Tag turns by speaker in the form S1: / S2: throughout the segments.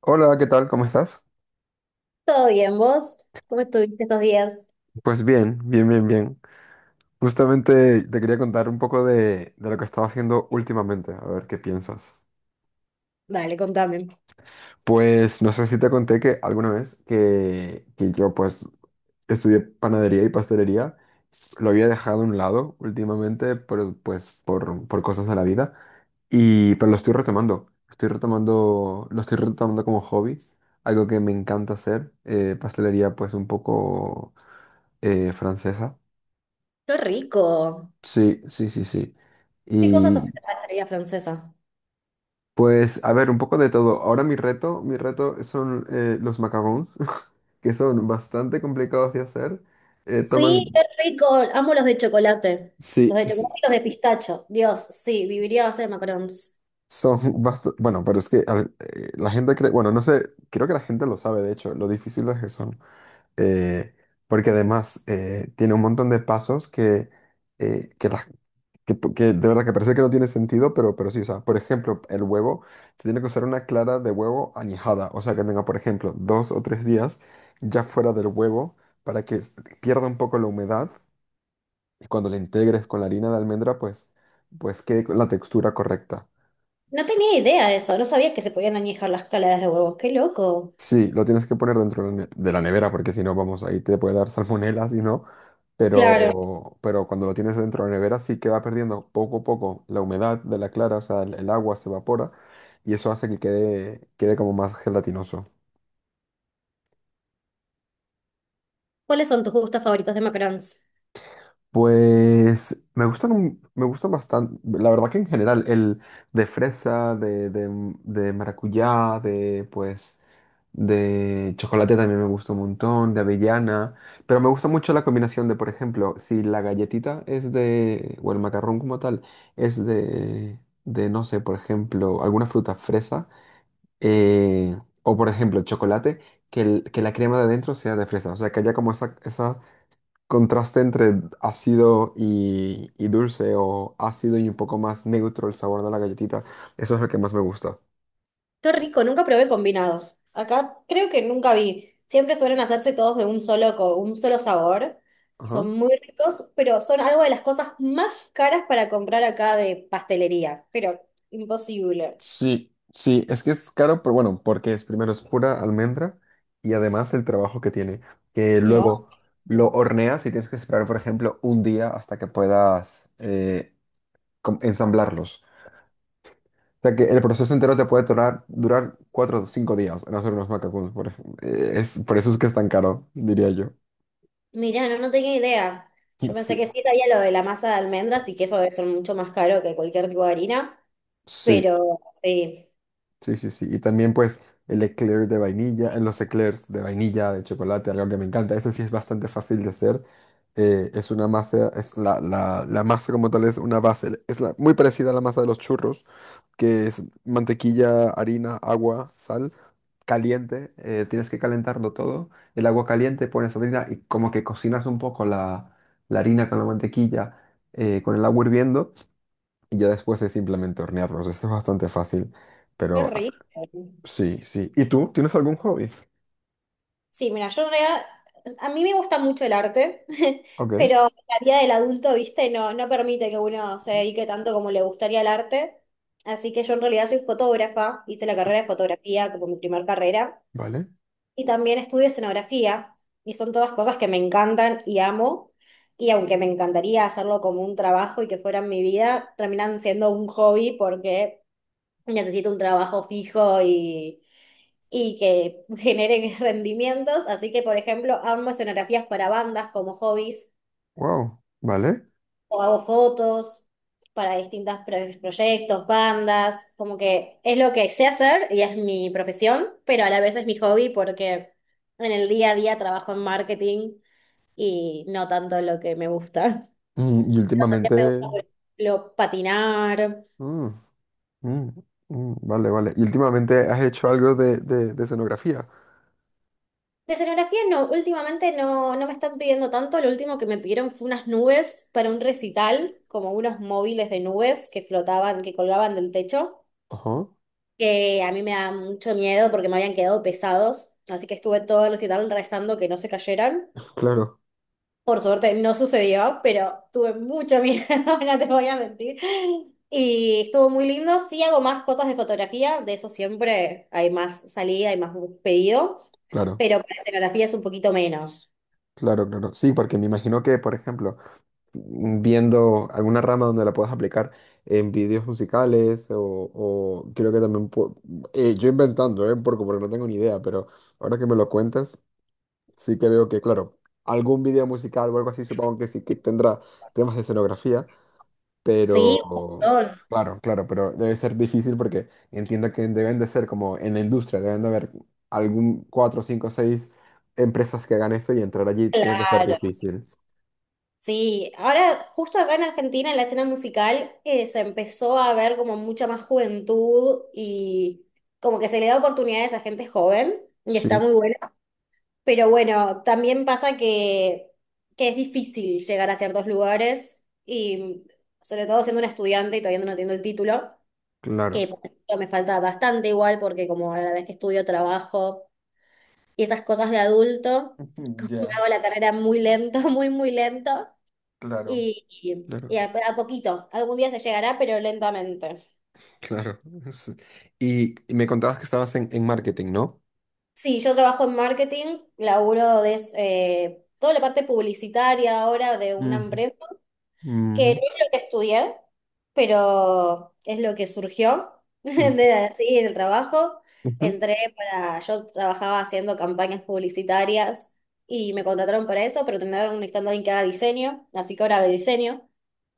S1: Hola, ¿qué tal? ¿Cómo estás?
S2: ¿Todo bien, vos? ¿Cómo estuviste estos días?
S1: Pues bien, bien, bien, bien. Justamente te quería contar un poco de lo que estaba haciendo últimamente, a ver qué piensas.
S2: Dale, contame.
S1: Pues no sé si te conté que alguna vez que yo pues estudié panadería y pastelería. Lo había dejado a un lado últimamente, pero pues por cosas de la vida, pero lo estoy retomando como hobby, algo que me encanta hacer. Pastelería pues un poco francesa.
S2: ¡Qué rico!
S1: Sí, sí, sí, sí.
S2: ¿Qué cosas haces
S1: Y
S2: en la pastelería francesa?
S1: pues, a ver, un poco de todo. Ahora mi reto son los macarons, que son bastante complicados de hacer. Eh,
S2: Sí, qué
S1: toman,
S2: rico. Amo los de chocolate. Los
S1: sí,
S2: de chocolate
S1: sí.
S2: y los de pistacho. Dios, sí, viviría a base de macarons.
S1: Son bastante, bueno, pero es que, a ver, la gente cree, bueno, no sé, creo que la gente lo sabe, de hecho, lo difíciles que son. eh, Porque además tiene un montón de pasos eh, que, la- que de verdad que parece que no tiene sentido, pero sí, o sea, por ejemplo, el huevo se tiene que usar una clara de huevo añejada, o sea, que tenga, por ejemplo, 2 o 3 días ya fuera del huevo, para que pierda un poco la humedad, y cuando la integres con la harina de almendra, pues quede con la textura correcta.
S2: No tenía idea de eso. No sabía que se podían añejar las claras de huevo. ¡Qué loco!
S1: Sí, lo tienes que poner dentro de la nevera, porque si no, vamos, ahí te puede dar salmonela, si no.
S2: Claro.
S1: Pero cuando lo tienes dentro de la nevera, sí que va perdiendo poco a poco la humedad de la clara, o sea, el agua se evapora, y eso hace que quede como más gelatinoso.
S2: ¿Cuáles son tus gustos favoritos de macarons?
S1: Pues me gustan, me gustan bastante, la verdad, que en general el de fresa, de maracuyá, de pues... De chocolate también me gusta un montón, de avellana, pero me gusta mucho la combinación de, por ejemplo, si la galletita es de, o el macarrón como tal, es de no sé, por ejemplo, alguna fruta, fresa, eh, o por ejemplo, chocolate, que la crema de adentro sea de fresa, o sea, que haya como esa contraste entre ácido y dulce, o ácido y un poco más neutro el sabor de la galletita. Eso es lo que más me gusta.
S2: Qué rico, nunca probé combinados. Acá creo que nunca vi. Siempre suelen hacerse todos de un solo, un solo sabor. Y son
S1: Ajá.
S2: muy ricos, pero son algo de las cosas más caras para comprar acá de pastelería. Pero imposible.
S1: Sí, sí, es que es caro, pero bueno, porque es primero es pura almendra y además el trabajo que tiene. Que
S2: No,
S1: luego lo
S2: no.
S1: horneas y tienes que esperar, por ejemplo, un día hasta que puedas ensamblarlos. O sea que el proceso entero te puede durar 4 o 5 días en hacer unos macacoons, por ejemplo. Por eso es que es tan caro, diría yo.
S2: Mirá, no, no tenía idea. Yo pensé
S1: Sí,
S2: que sí sabía lo de la masa de almendras y que eso debe ser mucho más caro que cualquier tipo de harina.
S1: sí.
S2: Pero sí,
S1: Sí, sí, sí. Y también pues el eclair de vainilla, los eclairs de vainilla, de chocolate, algo que me encanta. Eso sí es bastante fácil de hacer. Es una masa, es la masa como tal, es una base, muy parecida a la masa de los churros, que es mantequilla, harina, agua, sal, caliente. Tienes que calentarlo todo. El agua caliente, pones harina y como que cocinas un poco la harina con la mantequilla, con el agua hirviendo. Y ya después es simplemente hornearlos. Esto es bastante fácil.
S2: qué
S1: Pero
S2: rico.
S1: Sí, sí. ¿Y tú? ¿Tienes algún hobby?
S2: Sí, mira, yo en realidad, a mí me gusta mucho el arte,
S1: Ok,
S2: pero la vida del adulto, viste, no, no permite que uno se dedique tanto como le gustaría el arte. Así que yo en realidad soy fotógrafa, hice la carrera de fotografía como mi primer carrera,
S1: vale.
S2: y también estudio escenografía, y son todas cosas que me encantan y amo, y aunque me encantaría hacerlo como un trabajo y que fueran mi vida, terminan siendo un hobby porque necesito un trabajo fijo y que generen rendimientos. Así que, por ejemplo, armo escenografías para bandas como hobbies
S1: Wow, vale.
S2: o hago fotos para distintos proyectos, bandas, como que es lo que sé hacer y es mi profesión, pero a la vez es mi hobby porque en el día a día trabajo en marketing y no tanto lo que me gusta.
S1: Y
S2: Pero también me gusta,
S1: últimamente.
S2: por ejemplo, patinar.
S1: Mm, mm, mm, vale, vale. ¿Y últimamente has hecho algo de escenografía?
S2: De escenografía no, últimamente no, no me están pidiendo tanto, lo último que me pidieron fue unas nubes para un recital, como unos móviles de nubes que flotaban, que colgaban del techo,
S1: Ajá.
S2: que a mí me da mucho miedo porque me habían quedado pesados, así que estuve todo el recital rezando que no se cayeran.
S1: Claro,
S2: Por suerte no sucedió, pero tuve mucho miedo, no te voy a mentir. Y estuvo muy lindo, sí hago más cosas de fotografía, de eso siempre hay más salida, hay más pedido,
S1: claro,
S2: pero para escenografía es un poquito menos.
S1: claro, claro. Sí, porque me imagino que, por ejemplo, viendo alguna rama donde la puedas aplicar en vídeos musicales, o creo que también yo inventando, ¿eh? Porque no tengo ni idea, pero ahora que me lo cuentas, sí que veo que, claro, algún video musical o algo así supongo que sí que tendrá temas de escenografía,
S2: Sí, un
S1: pero
S2: montón.
S1: claro, claro, pero debe ser difícil porque entiendo que deben de ser, como en la industria, deben de haber algún cuatro, cinco, seis empresas que hagan eso, y entrar allí tiene que ser
S2: Claro,
S1: difícil.
S2: sí. Ahora, justo acá en Argentina, en la escena musical, se empezó a ver como mucha más juventud y como que se le da oportunidades a gente joven y está
S1: Sí,
S2: muy bueno. Pero bueno, también pasa que es difícil llegar a ciertos lugares y sobre todo siendo una estudiante y todavía no tengo el título,
S1: claro.
S2: que por ejemplo, me falta bastante igual porque como a la vez que estudio trabajo, y esas cosas de adulto, como me
S1: Ya,
S2: hago la carrera muy lento, muy, muy lento,
S1: claro.
S2: y, y-
S1: Claro,
S2: y a, a poquito, algún día se llegará, pero lentamente.
S1: claro. Sí. Y me contabas que estabas en marketing, ¿no?
S2: Sí, yo trabajo en marketing, laburo de toda la parte publicitaria ahora de una
S1: Ujú,
S2: empresa,
S1: ujú,
S2: que no es lo que estudié, pero es lo que surgió
S1: ujú.
S2: de así el trabajo.
S1: Ujú.
S2: Entré para, yo trabajaba haciendo campañas publicitarias y me contrataron para eso, pero terminaron necesitando a alguien que haga diseño, así que ahora hago diseño.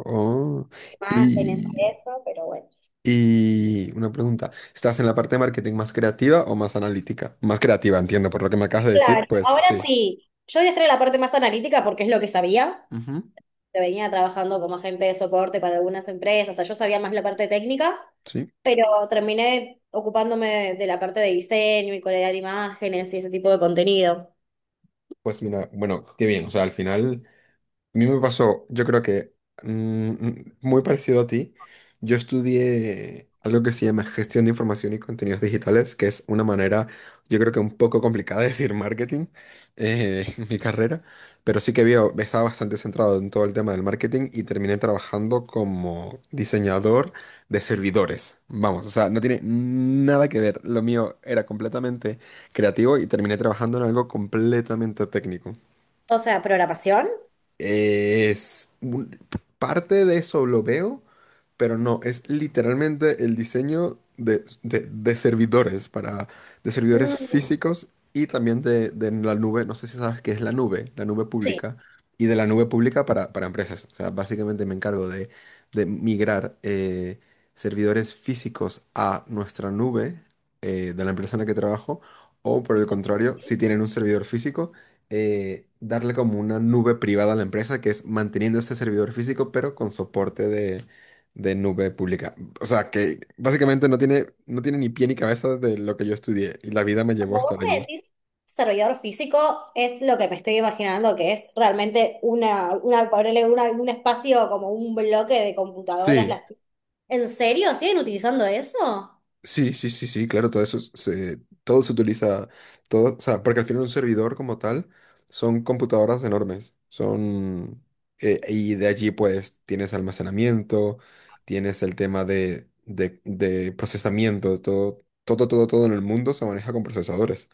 S1: Oh,
S2: Más Venezuela,
S1: y
S2: eso, pero bueno.
S1: Y una pregunta, ¿estás en la parte de marketing más creativa o más analítica? Más creativa, entiendo, por lo que me acabas de decir,
S2: Claro,
S1: pues
S2: ahora
S1: sí.
S2: sí, yo voy a estar en la parte más analítica porque es lo que sabía.
S1: Ujú.
S2: Te venía trabajando como agente de soporte para algunas empresas, o sea, yo sabía más la parte técnica,
S1: Sí.
S2: pero terminé ocupándome de la parte de diseño y crear imágenes y ese tipo de contenido.
S1: Pues mira, bueno, qué bien, o sea, al final. A mí me pasó. Yo creo que muy parecido a ti. Yo estudié algo que se llama gestión de información y contenidos digitales, que es una manera, yo creo, que un poco complicada de decir marketing, en mi carrera. Pero sí que veo, estaba bastante centrado en todo el tema del marketing, y terminé trabajando como diseñador de servidores. Vamos, o sea, no tiene nada que ver. Lo mío era completamente creativo y terminé trabajando en algo completamente técnico.
S2: O sea, programación.
S1: Es un- Parte de eso lo veo, pero no, es literalmente el diseño de servidores para, de servidores
S2: mm,
S1: físicos, y también de la nube. No sé si sabes qué es la nube
S2: Sí.
S1: pública, y de la nube pública para empresas. O sea, básicamente me encargo de migrar, servidores físicos a nuestra nube, de la empresa en la que trabajo, o por el contrario, si tienen un servidor físico, darle como una nube privada a la empresa, que es manteniendo este servidor físico, pero con soporte de nube pública. O sea, que básicamente no tiene ni pie ni cabeza de lo que yo estudié, y la vida me llevó
S2: Como
S1: hasta
S2: vos me
S1: allí.
S2: decís, desarrollador físico es lo que me estoy imaginando que es realmente una, ponerle un espacio como un bloque de computadoras,
S1: Sí.
S2: las. ¿En serio? ¿Siguen utilizando eso?
S1: Sí, sí, sí, sí, claro, todo eso todo se utiliza, todo, o sea, porque al final un servidor como tal son computadoras enormes. Y de allí pues tienes almacenamiento, tienes el tema de procesamiento. Todo, todo, todo, todo en el mundo se maneja con procesadores.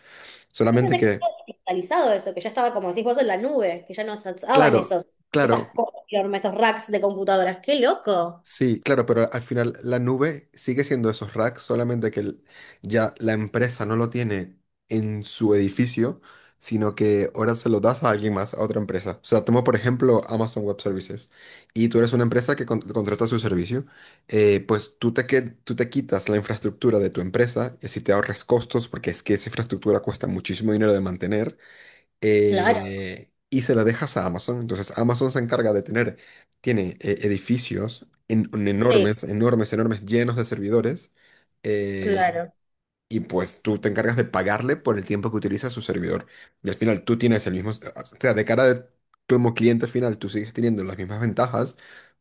S2: Yo
S1: Solamente
S2: pensé que
S1: que,
S2: estaba digitalizado eso, que ya estaba, como decís vos, en la nube, que ya no se usaban
S1: claro,
S2: esos, esas
S1: claro,
S2: cosas, enormes, esos racks de computadoras. ¡Qué loco!
S1: sí, claro, pero al final la nube sigue siendo esos racks, solamente que ya la empresa no lo tiene en su edificio, sino que ahora se lo das a alguien más, a otra empresa. O sea, tomo por ejemplo Amazon Web Services, y tú eres una empresa que contrata su servicio. Pues tú te, tú te quitas la infraestructura de tu empresa, y así te ahorras costos, porque es que esa infraestructura cuesta muchísimo dinero de mantener,
S2: Claro,
S1: y se la dejas a Amazon. Entonces Amazon se encarga de tiene edificios en
S2: sí,
S1: enormes, enormes, enormes, llenos de servidores. eh,
S2: claro.
S1: y pues tú te encargas de pagarle por el tiempo que utiliza su servidor. Y al final tú tienes el mismo, o sea, de cara de, como cliente final, tú sigues teniendo las mismas ventajas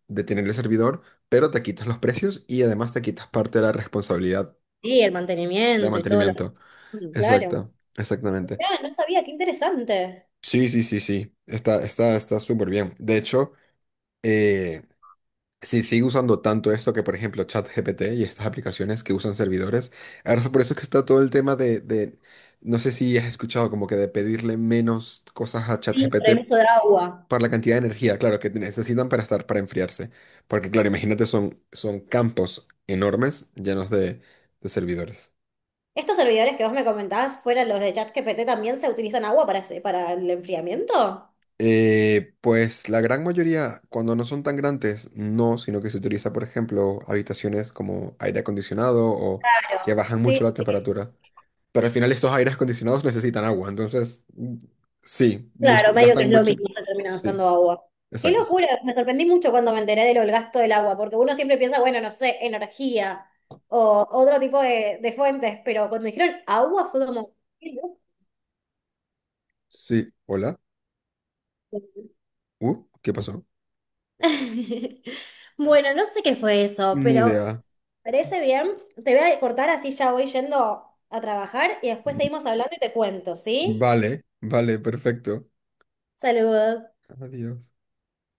S1: de tener el servidor, pero te quitas los precios y además te quitas parte de la responsabilidad
S2: Sí, el
S1: del
S2: mantenimiento y todo lo…
S1: mantenimiento.
S2: Mm, claro.
S1: Exacto, exactamente.
S2: Mirá, no sabía, qué interesante.
S1: Sí, sí, sí, sí. Está, está, está súper bien. De hecho, eh, si sigue usando tanto esto que, por ejemplo, ChatGPT y estas aplicaciones que usan servidores, ahora es por eso que está todo el tema no sé si has escuchado, como que de pedirle menos cosas a
S2: Sí, por el
S1: ChatGPT
S2: uso de agua.
S1: para la cantidad de energía, claro, que necesitan para para enfriarse. Porque, claro, imagínate, son campos enormes llenos de servidores.
S2: ¿Estos servidores que vos me comentabas, fueran los de ChatGPT, también se utilizan agua para, para el enfriamiento?
S1: Pues la gran mayoría, cuando no son tan grandes, no, sino que se utiliza, por ejemplo, habitaciones como aire acondicionado, o que
S2: Claro.
S1: bajan
S2: Sí.
S1: mucho la temperatura. Pero al final estos aires acondicionados necesitan agua, entonces sí,
S2: Claro, medio que es
S1: gastan
S2: lo
S1: mucho.
S2: mismo, se termina
S1: Sí,
S2: gastando agua. Qué
S1: exacto, sí.
S2: locura, me sorprendí mucho cuando me enteré de lo del gasto del agua, porque uno siempre piensa, bueno, no sé, energía o otro tipo de fuentes, pero cuando dijeron agua fue como… qué loco.
S1: Sí, hola. ¿Qué pasó?
S2: Bueno, no sé qué fue eso,
S1: Ni
S2: pero
S1: idea.
S2: parece bien. Te voy a cortar así ya voy yendo a trabajar y después
S1: Mm,
S2: seguimos hablando y te cuento, ¿sí?
S1: vale, vale, perfecto.
S2: Saludos.
S1: Adiós.